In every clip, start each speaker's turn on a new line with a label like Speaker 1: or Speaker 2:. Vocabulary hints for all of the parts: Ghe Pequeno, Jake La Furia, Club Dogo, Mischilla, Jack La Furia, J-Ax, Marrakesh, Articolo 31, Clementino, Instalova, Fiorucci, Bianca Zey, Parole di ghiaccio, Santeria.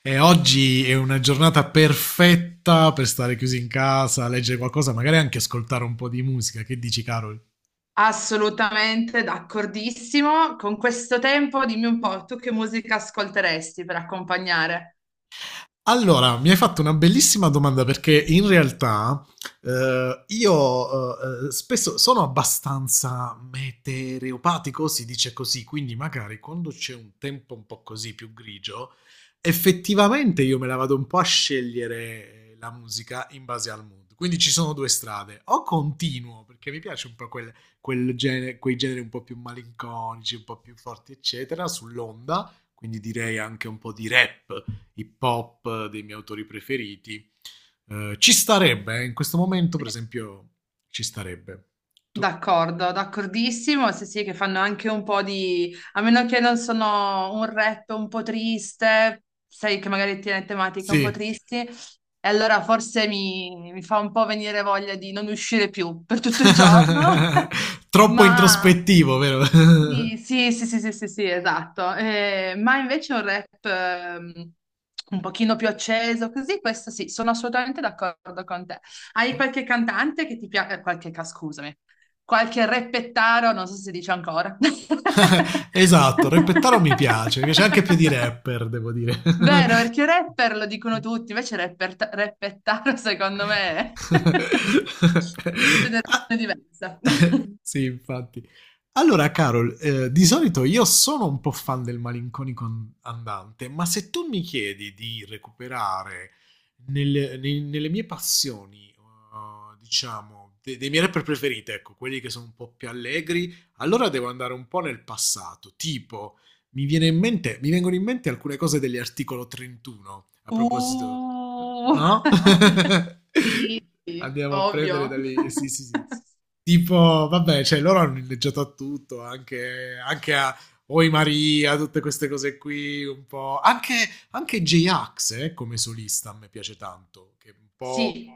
Speaker 1: E oggi è una giornata perfetta per stare chiusi in casa, leggere qualcosa, magari anche ascoltare un po' di musica. Che dici, Carol?
Speaker 2: Assolutamente d'accordissimo. Con questo tempo, dimmi un po', tu che musica ascolteresti per accompagnare?
Speaker 1: Allora, mi hai fatto una bellissima domanda perché in realtà, io spesso sono abbastanza meteoropatico, si dice così. Quindi magari quando c'è un tempo un po' così più grigio, effettivamente io me la vado un po' a scegliere, la musica in base al mood. Quindi ci sono due strade: o continuo perché mi piace un po' quel genere, quei generi un po' più malinconici, un po' più forti, eccetera, sull'onda, quindi direi anche un po' di rap hip hop dei miei autori preferiti. Ci starebbe, in questo momento, per esempio, ci starebbe. Tu-
Speaker 2: D'accordo, d'accordissimo. Sì, sì, che fanno anche un po' di... A meno che non sono un rap un po' triste, sai che magari tiene tematiche un po'
Speaker 1: Sì.
Speaker 2: tristi, e allora forse mi fa un po' venire voglia di non uscire più per tutto il giorno.
Speaker 1: Troppo
Speaker 2: Ma
Speaker 1: introspettivo, vero?
Speaker 2: sì, sì, sì, sì, sì, sì, sì, esatto. Ma invece un rap un pochino più acceso, così, questo sì, sono assolutamente d'accordo con te. Hai qualche cantante che ti piace, qualche, scusami, qualche reppettaro, non so se si dice ancora.
Speaker 1: Esatto, rappettaro mi piace anche più di rapper, devo dire.
Speaker 2: Vero, perché rapper lo dicono tutti, invece rapper, reppettaro secondo me è una generazione diversa.
Speaker 1: Sì, infatti. Allora, Carol, di solito io sono un po' fan del malinconico andante, ma se tu mi chiedi di recuperare nelle mie passioni, diciamo, dei miei rapper preferiti, ecco, quelli che sono un po' più allegri, allora devo andare un po' nel passato. Tipo, mi viene in mente, mi vengono in mente alcune cose degli articolo 31, a proposito, eh,
Speaker 2: Uh,
Speaker 1: no?
Speaker 2: sì, sì,
Speaker 1: Andiamo a prendere
Speaker 2: ovvio.
Speaker 1: da lì, sì, sì, sì, tipo, vabbè, cioè loro hanno inneggiato a tutto, anche a Oi Maria, tutte queste cose qui, un po'. Anche J-Ax, come solista, a me piace tanto, che è un po'
Speaker 2: Sì,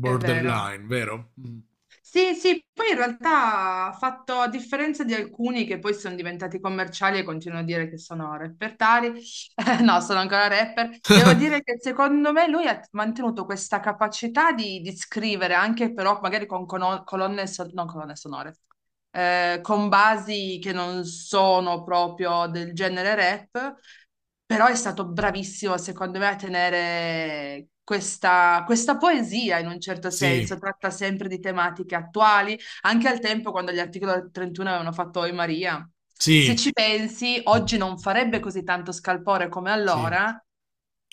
Speaker 2: è vero.
Speaker 1: vero? Mm.
Speaker 2: Sì, sì, poi in realtà ha fatto, a differenza di alcuni che poi sono diventati commerciali e continuano a dire che sono repertari, no, sono ancora rapper, devo dire che secondo me lui ha mantenuto questa capacità di scrivere anche però magari con colonne, non colonne sonore, con basi che non sono proprio del genere rap, però è stato bravissimo, secondo me, a tenere questa, questa poesia in un certo
Speaker 1: Sì,
Speaker 2: senso. Tratta sempre di tematiche attuali, anche al tempo quando gli articoli del 31 avevano fatto Oi Maria. Se
Speaker 1: sì,
Speaker 2: ci pensi, oggi non farebbe così tanto scalpore come
Speaker 1: sì,
Speaker 2: allora,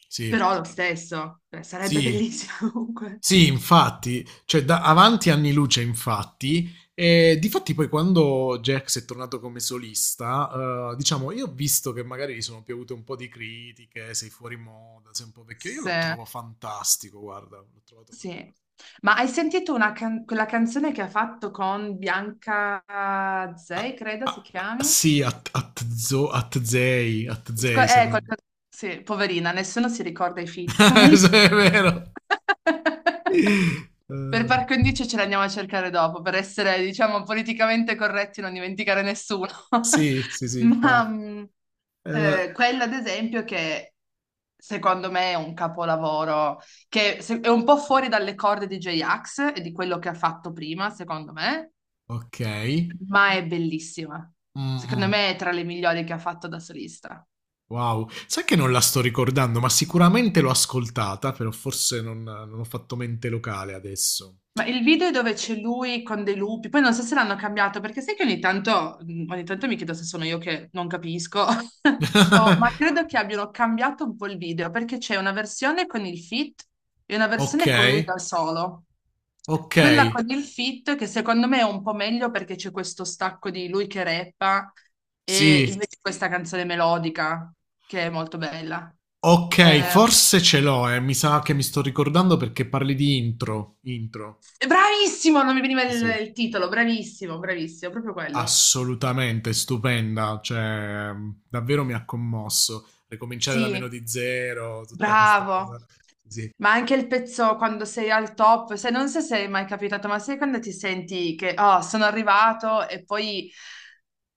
Speaker 1: sì,
Speaker 2: però lo stesso, sarebbe
Speaker 1: sì.
Speaker 2: bellissimo comunque.
Speaker 1: Sì, infatti, cioè da avanti anni luce, infatti. E difatti poi quando Jax è tornato come solista, diciamo, io ho visto che magari gli sono piovute un po' di critiche, sei fuori moda, sei un po' vecchio. Io lo
Speaker 2: Sì.
Speaker 1: trovo fantastico, guarda, l'ho trovato
Speaker 2: Sì.
Speaker 1: fantastico.
Speaker 2: Ma hai sentito una quella canzone che ha fatto con Bianca Zey,
Speaker 1: Ah,
Speaker 2: credo si
Speaker 1: ah, ah,
Speaker 2: chiami?
Speaker 1: sì, at, zo, at zei, at
Speaker 2: Sco-
Speaker 1: zei, se
Speaker 2: eh,
Speaker 1: non.
Speaker 2: qualcosa- Sì, poverina, nessuno si ricorda i feat. Comunque...
Speaker 1: Sì, è vero.
Speaker 2: Per
Speaker 1: Eh,
Speaker 2: par condicio ce l'andiamo a cercare dopo, per essere, diciamo, politicamente corretti e non dimenticare nessuno.
Speaker 1: sì, sì, sì,
Speaker 2: Ma
Speaker 1: infatti. Eh,
Speaker 2: quella, ad esempio, che secondo me è un capolavoro, che è un po' fuori dalle corde di J-Ax e di quello che ha fatto prima, secondo me,
Speaker 1: ok.
Speaker 2: ma è bellissima.
Speaker 1: Mm,
Speaker 2: Secondo
Speaker 1: mm.
Speaker 2: me è tra le migliori che ha fatto da solista.
Speaker 1: Wow, sai che non la sto ricordando, ma sicuramente l'ho ascoltata, però forse non, non ho fatto mente locale adesso.
Speaker 2: Ma il video è dove c'è lui con dei lupi, poi non so se l'hanno cambiato, perché sai che ogni tanto, mm, ogni tanto mi chiedo se sono io che non capisco, ma credo che abbiano cambiato un po' il video, perché c'è una versione con il fit e una
Speaker 1: Ok,
Speaker 2: versione con lui da solo.
Speaker 1: ok,
Speaker 2: Quella con il fit, che secondo me è un po' meglio perché c'è questo stacco di lui che rappa e
Speaker 1: sì,
Speaker 2: invece questa canzone melodica, che è molto bella.
Speaker 1: ok,
Speaker 2: Eh,
Speaker 1: forse ce l'ho, eh. Mi sa che mi sto ricordando perché parli di intro, intro.
Speaker 2: bravissimo, non mi veniva
Speaker 1: Sì,
Speaker 2: il
Speaker 1: sì,
Speaker 2: il titolo, bravissimo, bravissimo, proprio quello.
Speaker 1: assolutamente stupenda, cioè davvero mi ha commosso. Ricominciare da meno
Speaker 2: Sì,
Speaker 1: di zero, tutta questa
Speaker 2: bravo.
Speaker 1: cosa. Sì,
Speaker 2: Ma anche il pezzo quando sei al top, se non so se è mai capitato, ma sai quando ti senti che oh, sono arrivato e poi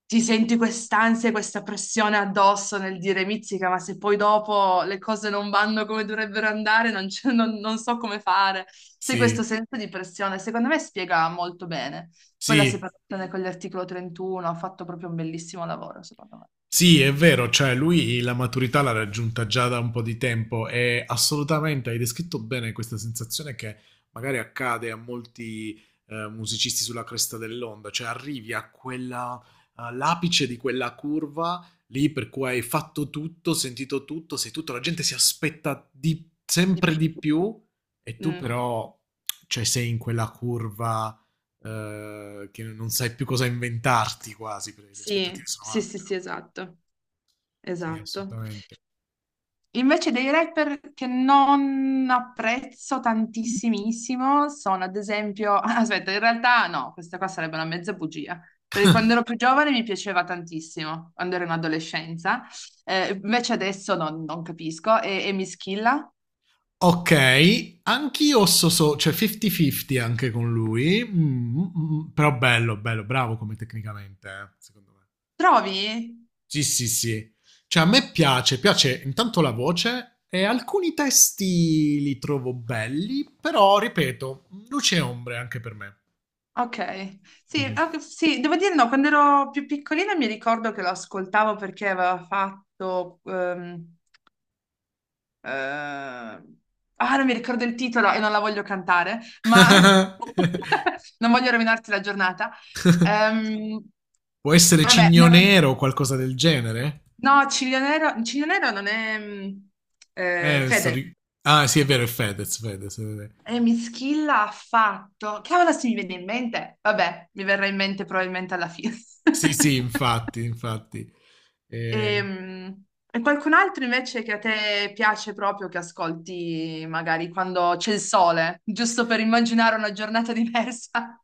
Speaker 2: ti senti quest'ansia, e questa pressione addosso nel dire mizzica, ma se poi dopo le cose non vanno come dovrebbero andare, non, non so come fare. Sai,
Speaker 1: sì,
Speaker 2: questo senso di pressione, secondo me spiega molto bene. Poi la
Speaker 1: sì.
Speaker 2: separazione con l'articolo 31 ha fatto proprio un bellissimo lavoro, secondo me.
Speaker 1: Sì, è vero, cioè lui la maturità l'ha raggiunta già da un po' di tempo, e assolutamente hai descritto bene questa sensazione che magari accade a molti, musicisti sulla cresta dell'onda, cioè arrivi a quella, all'apice di quella curva lì per cui hai fatto tutto, sentito tutto, sei tutto, la gente si aspetta
Speaker 2: Di
Speaker 1: sempre
Speaker 2: più.
Speaker 1: di più, e tu
Speaker 2: Mm.
Speaker 1: però, cioè, sei in quella curva che non sai più cosa inventarti quasi, perché le
Speaker 2: Sì,
Speaker 1: aspettative sono
Speaker 2: sì, sì,
Speaker 1: alte. No?
Speaker 2: sì, esatto,
Speaker 1: Sì,
Speaker 2: esatto.
Speaker 1: assolutamente.
Speaker 2: Invece dei rapper che non apprezzo tantissimissimo sono ad esempio, aspetta, in realtà no, questa qua sarebbe una mezza bugia, perché quando ero più giovane mi piaceva tantissimo, quando ero in adolescenza. Invece adesso non, non capisco e mi schilla.
Speaker 1: Ok, anch'io so cioè 50-50 anche con lui. Mm, mm, mm, però bello, bello, bravo come tecnicamente, secondo me.
Speaker 2: Trovi?
Speaker 1: Sì, sì, sì. Cioè a me piace intanto la voce, e alcuni testi li trovo belli, però ripeto, luce e ombre anche per me.
Speaker 2: Ok, sì,
Speaker 1: Mhm.
Speaker 2: ok, sì, devo dire no, quando ero più piccolina mi ricordo che lo ascoltavo perché aveva fatto... eh, ah, non mi ricordo il titolo e non la voglio cantare, ma non voglio rovinarti la giornata. Ehm,
Speaker 1: Può essere
Speaker 2: vabbè,
Speaker 1: Cigno
Speaker 2: ne-
Speaker 1: Nero o qualcosa del genere?
Speaker 2: no, Ciglio Nero, Ciglio Nero non è
Speaker 1: Eh, sto
Speaker 2: Fede.
Speaker 1: ri- Ah, sì, è vero, è Fedez, Fedez. È vero.
Speaker 2: E Mischilla ha fatto. Cavolo, se mi viene in mente. Vabbè, mi verrà in mente probabilmente alla fine.
Speaker 1: Sì, sì, infatti, infatti. Eh,
Speaker 2: Ehm, qualcun altro invece che a te piace proprio che ascolti magari quando c'è il sole, giusto per immaginare una giornata diversa?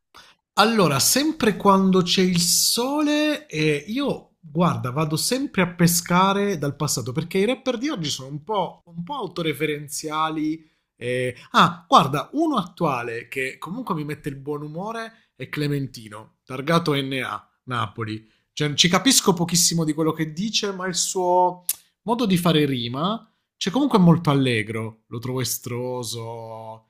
Speaker 1: allora, sempre quando c'è il sole, io guarda, vado sempre a pescare dal passato perché i rapper di oggi sono un po' autoreferenziali. Ah, guarda, uno attuale che comunque mi mette il buon umore è Clementino, targato NA, Napoli. Cioè, ci capisco pochissimo di quello che dice, ma il suo modo di fare rima, cioè comunque è molto allegro, lo trovo estroso.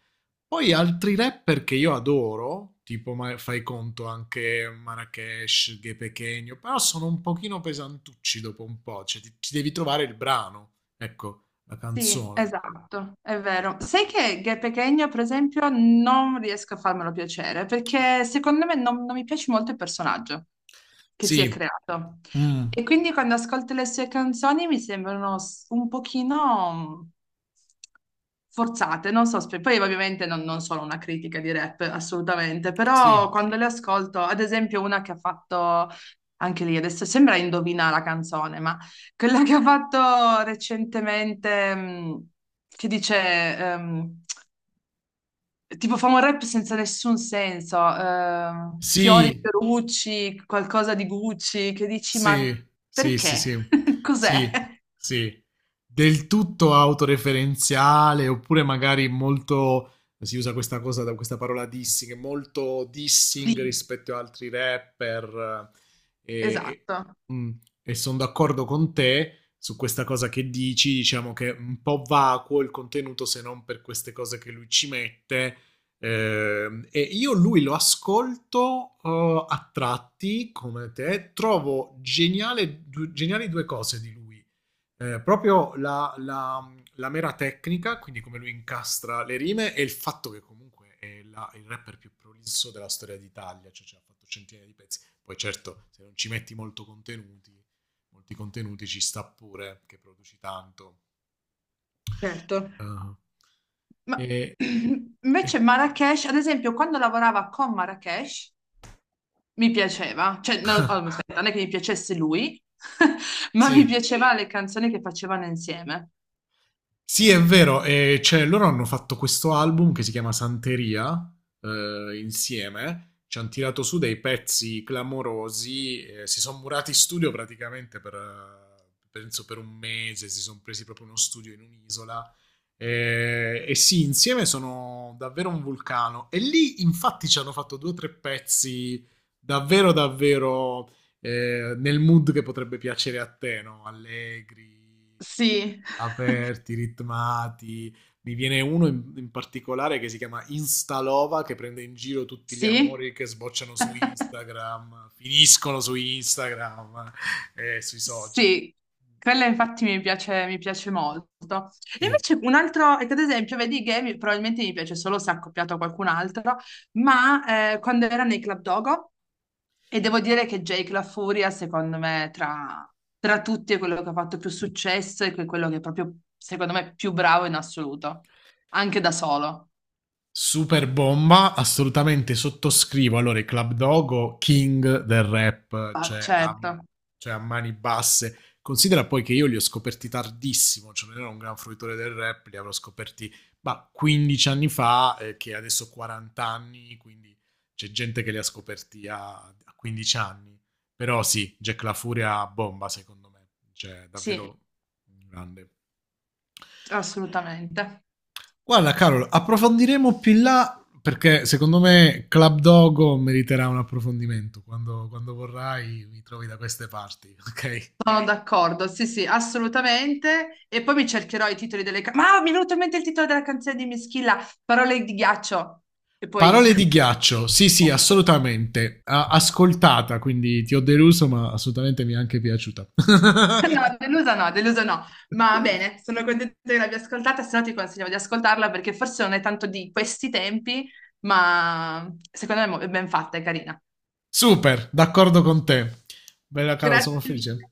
Speaker 1: Poi altri rapper che io adoro, tipo fai conto anche Marrakesh, Ghe Pequeno, però sono un pochino pesantucci dopo un po', cioè ti devi trovare il brano, ecco, la
Speaker 2: Sì,
Speaker 1: canzone.
Speaker 2: esatto, è vero. Sai che Ghe Pequeno, per esempio, non riesco a farmelo piacere perché secondo me non, non mi piace molto il personaggio che si è
Speaker 1: Sì,
Speaker 2: creato.
Speaker 1: mm,
Speaker 2: E quindi quando ascolto le sue canzoni mi sembrano un pochino mm, forzate, non so, poi ovviamente non, non sono una critica di rap, assolutamente,
Speaker 1: sì,
Speaker 2: però quando le ascolto, ad esempio una che ha fatto anche lì, adesso sembra indovina la canzone, ma quella che ho fatto recentemente, che dice, ehm, tipo fa un rap senza nessun senso, fiori,
Speaker 1: sì.
Speaker 2: Fiorucci, qualcosa di Gucci, che dici,
Speaker 1: Sì,
Speaker 2: ma
Speaker 1: sì, sì,
Speaker 2: perché?
Speaker 1: sì,
Speaker 2: Cos'è?
Speaker 1: sì, sì. Del tutto autoreferenziale, oppure magari molto, si usa questa cosa, da questa parola dissing, molto dissing
Speaker 2: Sì,
Speaker 1: rispetto ad altri rapper. eh,
Speaker 2: esatto,
Speaker 1: E, sono d'accordo con te su questa cosa che dici, diciamo che è un po' vacuo il contenuto, se non per queste cose che lui ci mette, e io lui lo ascolto, a tratti come te, trovo geniale, geniali due cose di lui. Proprio la mera tecnica, quindi come lui incastra le rime e il fatto che comunque è il rapper più prolisso della storia d'Italia, cioè, ha fatto centinaia di pezzi, poi certo se non ci metti molto contenuti, molti contenuti ci sta pure che produci tanto.
Speaker 2: certo.
Speaker 1: Ah.
Speaker 2: Ma
Speaker 1: E- e-
Speaker 2: invece Marrakesh, ad esempio, quando lavorava con Marrakesh, mi piaceva, cioè, no, oh, aspetta, non è che mi piacesse lui, ma mi
Speaker 1: sì.
Speaker 2: piaceva le canzoni che facevano insieme.
Speaker 1: Sì, è vero, e cioè, loro hanno fatto questo album che si chiama Santeria, insieme, ci hanno tirato su dei pezzi clamorosi, si sono murati in studio praticamente per, penso per un mese, si sono presi proprio uno studio in un'isola, e sì, insieme sono davvero un vulcano. E lì, infatti, ci hanno fatto due o tre pezzi davvero, davvero, nel mood che potrebbe piacere a te, no? Allegri,
Speaker 2: Sì.
Speaker 1: aperti, ritmati. Mi viene uno in particolare che si chiama Instalova, che prende in giro tutti gli
Speaker 2: Sì?
Speaker 1: amori che sbocciano su Instagram, finiscono su Instagram e sui social.
Speaker 2: Sì, quella infatti mi piace molto. E
Speaker 1: Sì,
Speaker 2: invece un altro, ecco, ad esempio, vedi che probabilmente mi piace solo se accoppiato a qualcun altro, ma quando era nei Club Dogo, e devo dire che Jake La Furia, secondo me, tra, tra tutti è quello che ha fatto più successo e quello che è proprio, secondo me, più bravo in assoluto, anche da solo.
Speaker 1: super bomba, assolutamente sottoscrivo. Allora, i Club Dogo, king del rap,
Speaker 2: Ah,
Speaker 1: cioè a,
Speaker 2: certo,
Speaker 1: cioè a mani basse. Considera poi che io li ho scoperti tardissimo, cioè non ero un gran fruitore del rap, li avrò scoperti ma 15 anni fa, che adesso ho 40 anni, quindi c'è gente che li ha scoperti a, 15 anni. Però sì, Jack La Furia bomba, secondo me, cioè
Speaker 2: sì,
Speaker 1: davvero grande.
Speaker 2: assolutamente.
Speaker 1: Guarda, Carol, approfondiremo più in là perché secondo me Club Dogo meriterà un approfondimento. Quando, quando vorrai mi trovi da queste parti, ok?
Speaker 2: Sono d'accordo, sì, sì, assolutamente. E poi mi cercherò i titoli delle canzoni. Ma mi è venuto in mente il titolo della canzone di Mischilla, Parole di ghiaccio. E poi...
Speaker 1: Parole di ghiaccio, sì sì, assolutamente. Ascoltata, quindi ti ho deluso, ma assolutamente mi è anche piaciuta.
Speaker 2: No, delusa no, delusa no. Ma va bene, sono contenta che l'abbia ascoltata, se no ti consigliamo di ascoltarla perché forse non è tanto di questi tempi, ma secondo me è è ben fatta, è carina.
Speaker 1: Super, d'accordo con te. Bella Carol,
Speaker 2: Grazie
Speaker 1: sono
Speaker 2: mille.
Speaker 1: felice.